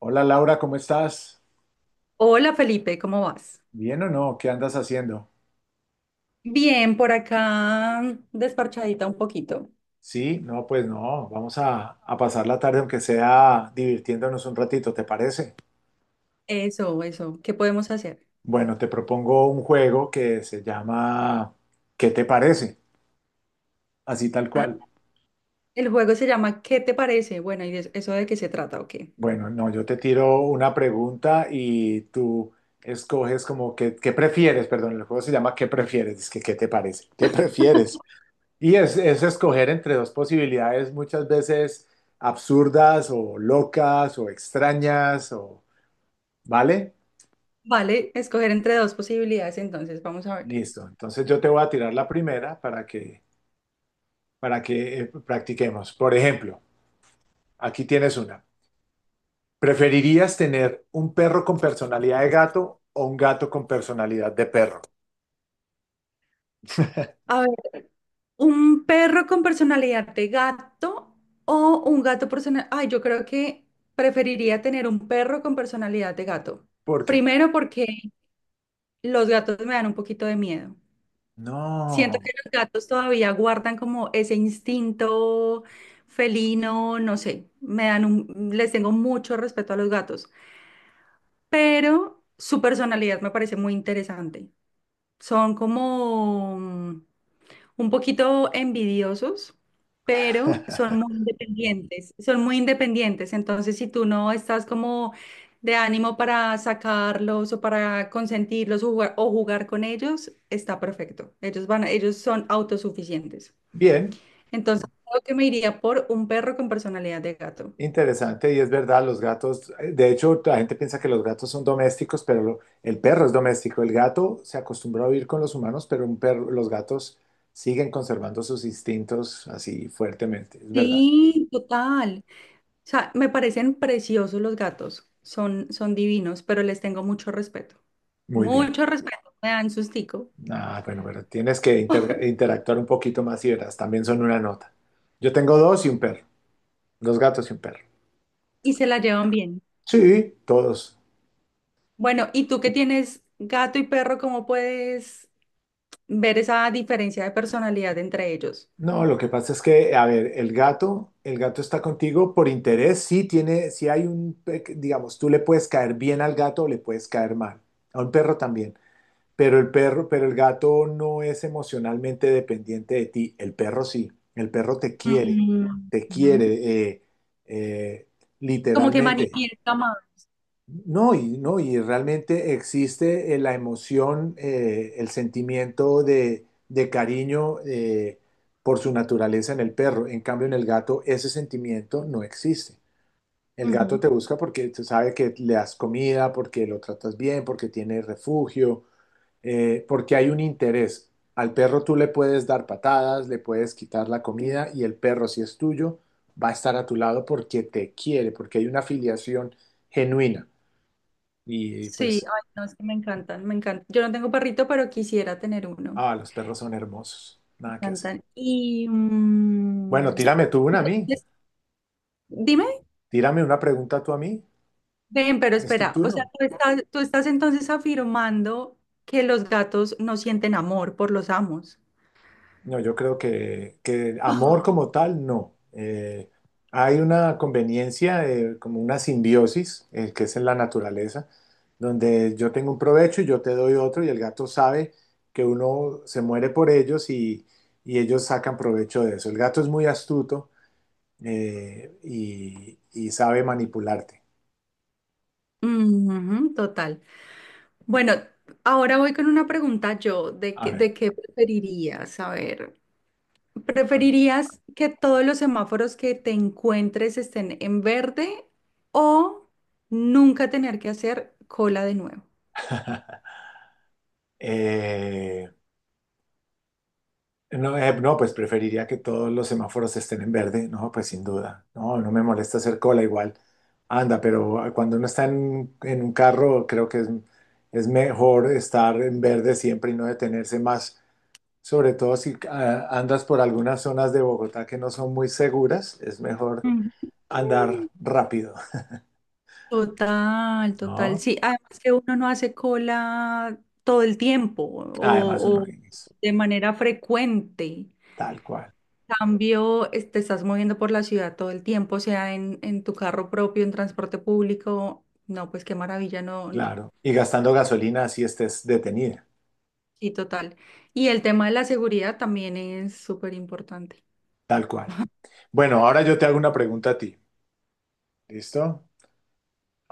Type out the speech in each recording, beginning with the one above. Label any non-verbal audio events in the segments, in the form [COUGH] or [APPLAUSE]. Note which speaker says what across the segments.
Speaker 1: Hola Laura, ¿cómo estás?
Speaker 2: Hola Felipe, ¿cómo vas?
Speaker 1: ¿Bien o no? ¿Qué andas haciendo?
Speaker 2: Bien, por acá desparchadita un poquito.
Speaker 1: Sí, no, pues no, vamos a pasar la tarde aunque sea divirtiéndonos un ratito, ¿te parece?
Speaker 2: Eso, ¿qué podemos hacer?
Speaker 1: Bueno, te propongo un juego que se llama ¿Qué te parece? Así tal
Speaker 2: Ah,
Speaker 1: cual.
Speaker 2: el juego se llama ¿qué te parece? Bueno, ¿y eso de qué se trata o qué?
Speaker 1: Bueno, no, yo te tiro una pregunta y tú escoges como que, ¿qué prefieres? Perdón, el juego se llama ¿Qué prefieres? Es que ¿qué te parece? ¿Qué prefieres? Y es escoger entre dos posibilidades muchas veces absurdas o locas o extrañas o, ¿vale?
Speaker 2: Vale, escoger entre dos posibilidades, entonces vamos a ver.
Speaker 1: Listo. Entonces yo te voy a tirar la primera para que practiquemos. Por ejemplo, aquí tienes una. ¿Preferirías tener un perro con personalidad de gato o un gato con personalidad de perro?
Speaker 2: A ver, ¿un perro con personalidad de gato o un gato personal? Ay, yo creo que preferiría tener un perro con personalidad de gato.
Speaker 1: ¿Por qué?
Speaker 2: Primero porque los gatos me dan un poquito de miedo. Siento que
Speaker 1: No.
Speaker 2: los gatos todavía guardan como ese instinto felino, no sé, me dan un, les tengo mucho respeto a los gatos, pero su personalidad me parece muy interesante. Son como un poquito envidiosos, pero son
Speaker 1: [LAUGHS]
Speaker 2: muy independientes, son muy independientes. Entonces, si tú no estás como de ánimo para sacarlos o para consentirlos o jugar con ellos, está perfecto. Ellos van, ellos son autosuficientes.
Speaker 1: Bien.
Speaker 2: Entonces, creo que me iría por un perro con personalidad de gato.
Speaker 1: Interesante, y es verdad, los gatos, de hecho, la gente piensa que los gatos son domésticos, pero el perro es doméstico. El gato se acostumbró a vivir con los humanos, pero un perro, los gatos siguen conservando sus instintos así fuertemente, es verdad.
Speaker 2: Sí, total. O sea, me parecen preciosos los gatos. Son, son divinos, pero les tengo mucho respeto.
Speaker 1: Muy bien.
Speaker 2: Mucho respeto. Me dan sustico.
Speaker 1: Ah, bueno, pero tienes que interactuar un poquito más y verás, también son una nota. Yo tengo dos y un perro, dos gatos y un perro.
Speaker 2: Y se la llevan bien.
Speaker 1: Sí, todos.
Speaker 2: Bueno, ¿y tú que tienes gato y perro, cómo puedes ver esa diferencia de personalidad entre ellos?
Speaker 1: No, lo que pasa es que, a ver, el gato está contigo por interés, sí tiene, sí hay un, digamos, tú le puedes caer bien al gato o le puedes caer mal, a un perro también, pero el gato no es emocionalmente dependiente de ti, el perro sí, el perro
Speaker 2: Mm,
Speaker 1: te
Speaker 2: ujú.
Speaker 1: quiere, eh,
Speaker 2: Como que
Speaker 1: literalmente.
Speaker 2: manifiesta más.
Speaker 1: No, y, no, y realmente existe la emoción, el sentimiento de cariño por su naturaleza en el perro. En cambio, en el gato ese sentimiento no existe. El gato
Speaker 2: Ujú.
Speaker 1: te busca porque te sabe que le das comida, porque lo tratas bien, porque tiene refugio, porque hay un interés. Al perro tú le puedes dar patadas, le puedes quitar la comida y el perro, si es tuyo, va a estar a tu lado porque te quiere, porque hay una afiliación genuina. Y
Speaker 2: Sí,
Speaker 1: pues,
Speaker 2: ay, no, es que me encantan, me encantan. Yo no tengo perrito, pero quisiera tener uno.
Speaker 1: ah, los perros son hermosos.
Speaker 2: Me
Speaker 1: Nada que hacer.
Speaker 2: encantan. Y
Speaker 1: Bueno, tírame tú una a mí.
Speaker 2: entonces, dime,
Speaker 1: Tírame una pregunta tú a mí.
Speaker 2: ven, pero
Speaker 1: Es tu
Speaker 2: espera, o
Speaker 1: turno.
Speaker 2: sea, tú estás entonces afirmando que los gatos no sienten amor por los amos.
Speaker 1: No, yo creo que amor
Speaker 2: [LAUGHS]
Speaker 1: como tal, no. Hay una conveniencia, como una simbiosis, que es en la naturaleza, donde yo tengo un provecho y yo te doy otro y el gato sabe que uno se muere por ellos y ellos sacan provecho de eso. El gato es muy astuto y sabe manipularte.
Speaker 2: Ujú, total. Bueno, ahora voy con una pregunta yo,
Speaker 1: A ver.
Speaker 2: ¿de qué preferirías? A ver, ¿preferirías que todos los semáforos que te encuentres estén en verde o nunca tener que hacer cola de nuevo?
Speaker 1: Eh, no, no, pues preferiría que todos los semáforos estén en verde, no, pues sin duda, no, no me molesta hacer cola igual, anda, pero cuando uno está en un carro creo que es mejor estar en verde siempre y no detenerse más, sobre todo si andas por algunas zonas de Bogotá que no son muy seguras, es mejor
Speaker 2: Mm.
Speaker 1: andar rápido,
Speaker 2: Total,
Speaker 1: [LAUGHS]
Speaker 2: total.
Speaker 1: ¿no?
Speaker 2: Sí, además que uno no hace cola todo el tiempo
Speaker 1: Además uno
Speaker 2: o
Speaker 1: es
Speaker 2: de manera frecuente.
Speaker 1: tal cual,
Speaker 2: Cambio, te estás moviendo por la ciudad todo el tiempo, sea en tu carro propio, en transporte público. No, pues qué maravilla, no.
Speaker 1: claro, y gastando gasolina si estés detenida,
Speaker 2: Sí, total. Y el tema de la seguridad también es súper importante.
Speaker 1: tal cual. Bueno, ahora yo te hago una pregunta a ti. ¿Listo?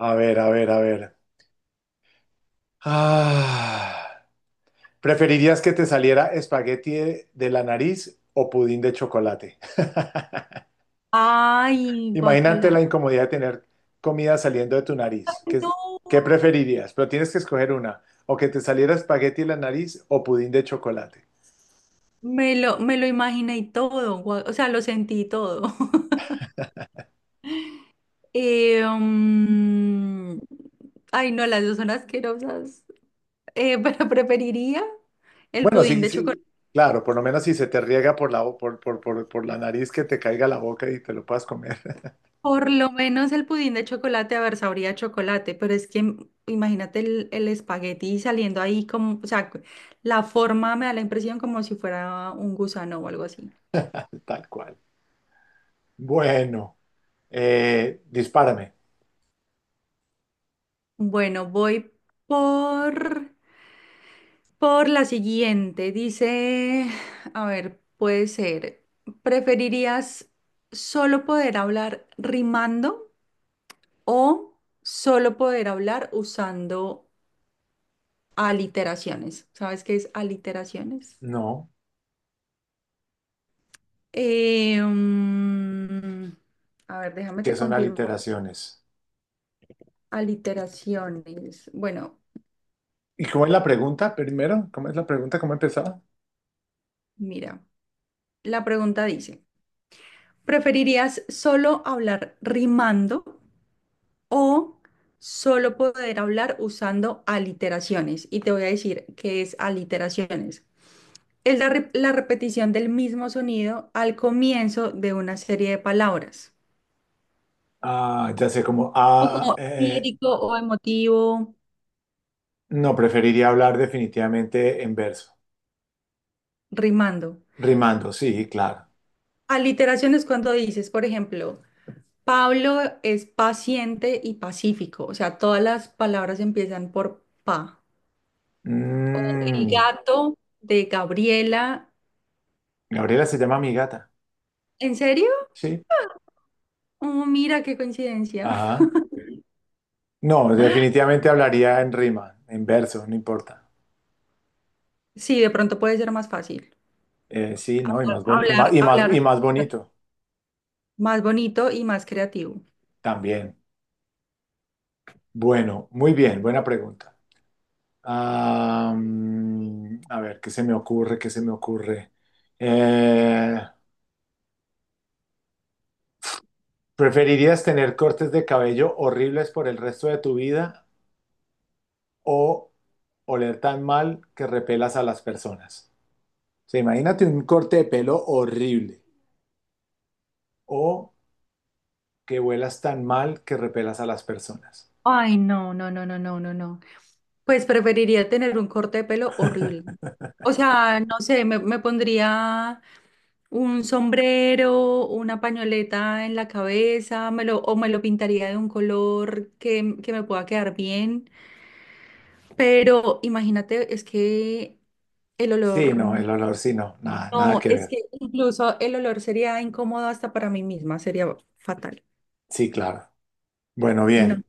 Speaker 1: A ver, a ver, a ver. Ah, ¿preferirías que te saliera espagueti de la nariz o pudín de chocolate? [LAUGHS]
Speaker 2: Ay,
Speaker 1: Imagínate
Speaker 2: guacala.
Speaker 1: la incomodidad de tener comida saliendo de tu nariz. ¿Qué,
Speaker 2: No,
Speaker 1: qué preferirías? Pero tienes que escoger una. O que te saliera espagueti de la nariz o pudín de chocolate.
Speaker 2: me lo imaginé y todo, o sea, lo sentí y todo. [LAUGHS] Eh, mm, ay, no, las dos son asquerosas. [LAUGHS] Pero preferiría el
Speaker 1: Bueno,
Speaker 2: pudín
Speaker 1: sí,
Speaker 2: de chocolate.
Speaker 1: sí, claro, por lo menos si se te riega por por la nariz que te caiga a la boca y te lo puedas comer [LAUGHS]
Speaker 2: Por lo menos el pudín de chocolate, a ver, sabría a chocolate, pero es que imagínate el espagueti saliendo ahí como, o sea, la forma me da la impresión como si fuera un gusano o algo así.
Speaker 1: tal cual. Bueno, dispárame.
Speaker 2: Bueno, voy por, por la siguiente. Dice, a ver, puede ser, ¿preferirías solo poder hablar rimando o solo poder hablar usando aliteraciones? ¿Sabes qué es aliteraciones?
Speaker 1: No,
Speaker 2: Eh, mm, a ver, déjame
Speaker 1: ¿qué
Speaker 2: te
Speaker 1: son
Speaker 2: confirmo.
Speaker 1: aliteraciones?
Speaker 2: Aliteraciones. Bueno,
Speaker 1: ¿Y cómo es la pregunta primero? ¿Cómo es la pregunta? ¿Cómo empezaba?
Speaker 2: mira, la pregunta dice, ¿preferirías solo hablar rimando o solo poder hablar usando aliteraciones? Y te voy a decir qué es aliteraciones. Es la repetición del mismo sonido al comienzo de una serie de palabras,
Speaker 1: Ah, ya sé, como,
Speaker 2: como lírico o emotivo,
Speaker 1: no, preferiría hablar definitivamente en verso.
Speaker 2: rimando.
Speaker 1: Rimando, sí, claro.
Speaker 2: Aliteración es cuando dices, por ejemplo, Pablo es paciente y pacífico, o sea, todas las palabras empiezan por pa. El
Speaker 1: Mm,
Speaker 2: gato de Gabriela,
Speaker 1: Gabriela se llama mi gata.
Speaker 2: ¿en serio?
Speaker 1: Sí.
Speaker 2: Oh, mira qué coincidencia. [LAUGHS]
Speaker 1: Ajá. No, definitivamente hablaría en rima, en verso, no importa.
Speaker 2: Sí, de pronto puede ser más fácil.
Speaker 1: Sí, ¿no? Y más, y más,
Speaker 2: Hablar,
Speaker 1: y más,
Speaker 2: hablar
Speaker 1: y más bonito
Speaker 2: más bonito y más creativo.
Speaker 1: también. Bueno, muy bien, buena pregunta. A ver, ¿qué se me ocurre? ¿Qué se me ocurre? Eh, ¿Preferirías tener cortes de cabello horribles por el resto de tu vida o oler tan mal que repelas a las personas? O sea, imagínate un corte de pelo horrible o que huelas tan mal que repelas a las personas.
Speaker 2: Ay, no, no, no, no, no, no, no. Pues preferiría tener un corte de pelo horrible. O sea, no sé, me pondría un sombrero, una pañoleta en la cabeza, o me lo pintaría de un color que me pueda quedar bien. Pero imagínate, es que el
Speaker 1: Sí,
Speaker 2: olor,
Speaker 1: no, el olor sí, no, nada, nada
Speaker 2: no,
Speaker 1: que
Speaker 2: es
Speaker 1: ver.
Speaker 2: que incluso el olor sería incómodo hasta para mí misma, sería fatal.
Speaker 1: Sí, claro. Bueno,
Speaker 2: No.
Speaker 1: bien,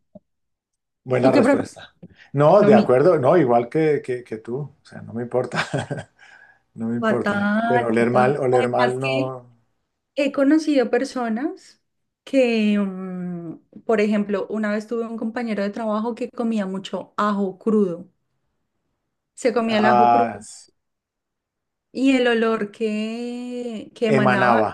Speaker 1: buena
Speaker 2: ¿Tú qué prefieres?
Speaker 1: respuesta. No,
Speaker 2: Lo
Speaker 1: de
Speaker 2: mismo.
Speaker 1: acuerdo, no, igual que tú, o sea, no me importa. [LAUGHS] No me importa. Pero
Speaker 2: Fatal, fatal.
Speaker 1: oler
Speaker 2: Además
Speaker 1: mal
Speaker 2: que
Speaker 1: no.
Speaker 2: he conocido personas que, por ejemplo, una vez tuve un compañero de trabajo que comía mucho ajo crudo. Se comía el ajo
Speaker 1: Ah,
Speaker 2: crudo y el olor que emanaba,
Speaker 1: emanaba.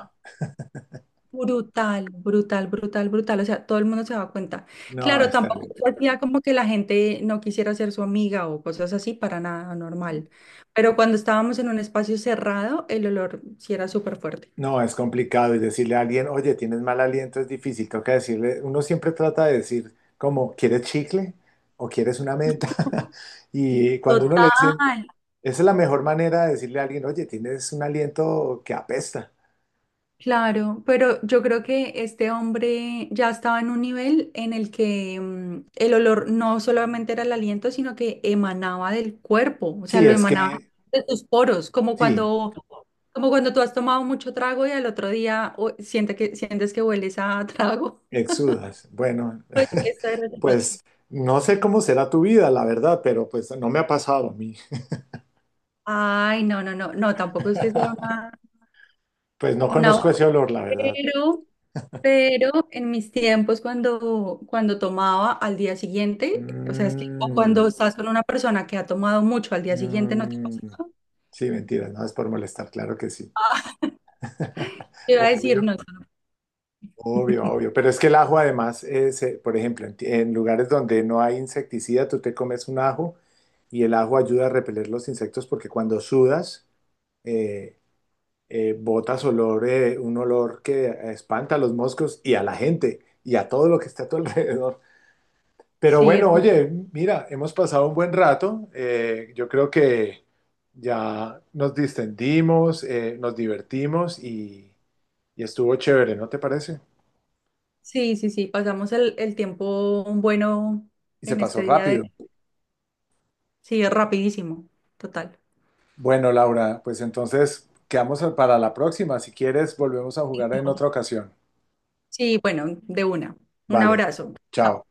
Speaker 2: brutal, brutal, brutal, brutal. O sea, todo el mundo se daba cuenta.
Speaker 1: No,
Speaker 2: Claro,
Speaker 1: es
Speaker 2: tampoco
Speaker 1: terrible.
Speaker 2: se hacía como que la gente no quisiera ser su amiga o cosas así, para nada normal. Pero cuando estábamos en un espacio cerrado, el olor sí era súper fuerte.
Speaker 1: No, es complicado. Y decirle a alguien, oye, tienes mal aliento, es difícil. Toca decirle, uno siempre trata de decir, como, ¿quieres chicle? ¿O quieres una menta? [LAUGHS] Y cuando uno le
Speaker 2: Total.
Speaker 1: dice, esa es la mejor manera de decirle a alguien, oye, tienes un aliento que apesta.
Speaker 2: Claro, pero yo creo que este hombre ya estaba en un nivel en el que el olor no solamente era el aliento, sino que emanaba del cuerpo, o sea,
Speaker 1: Sí,
Speaker 2: lo
Speaker 1: es
Speaker 2: emanaba
Speaker 1: que,
Speaker 2: de tus poros,
Speaker 1: sí,
Speaker 2: como cuando tú has tomado mucho trago y al otro día siente sientes que hueles a trago. [LAUGHS]
Speaker 1: exudas. Bueno,
Speaker 2: Pues eso era
Speaker 1: [LAUGHS]
Speaker 2: lo que pasó.
Speaker 1: pues no sé cómo será tu vida, la verdad, pero pues no me ha pasado a mí.
Speaker 2: Ay, no, no, no, no, tampoco es que sea
Speaker 1: [LAUGHS] Pues no
Speaker 2: una,
Speaker 1: conozco
Speaker 2: barra,
Speaker 1: ese olor, la verdad.
Speaker 2: pero. Pero en mis tiempos cuando tomaba al día siguiente, o sea, es que cuando
Speaker 1: Mm,
Speaker 2: estás con una persona que ha tomado mucho al día siguiente, no te pasa.
Speaker 1: mm. Sí, mentira, no es por molestar, claro que sí. [LAUGHS]
Speaker 2: Te iba a decir,
Speaker 1: Obvio,
Speaker 2: no,
Speaker 1: obvio,
Speaker 2: [LAUGHS]
Speaker 1: obvio. Pero es que el ajo además, por ejemplo, en, en lugares donde no hay insecticida, tú te comes un ajo y el ajo ayuda a repeler los insectos porque cuando sudas, eh, botas olor, un olor que espanta a los moscos y a la gente y a todo lo que está a tu [LAUGHS] alrededor. Pero
Speaker 2: sí, es
Speaker 1: bueno,
Speaker 2: fuerte.
Speaker 1: oye, mira, hemos pasado un buen rato. Yo creo que ya nos distendimos, nos divertimos y estuvo chévere, ¿no te parece?
Speaker 2: Sí, sí, sí, pasamos el tiempo bueno
Speaker 1: Y se
Speaker 2: en
Speaker 1: pasó
Speaker 2: este día de...
Speaker 1: rápido.
Speaker 2: Sí, es rapidísimo, total.
Speaker 1: Bueno, Laura, pues entonces quedamos para la próxima. Si quieres, volvemos a jugar en
Speaker 2: No.
Speaker 1: otra ocasión.
Speaker 2: Sí, bueno, de una. Un
Speaker 1: Vale,
Speaker 2: abrazo.
Speaker 1: chao.
Speaker 2: Chao.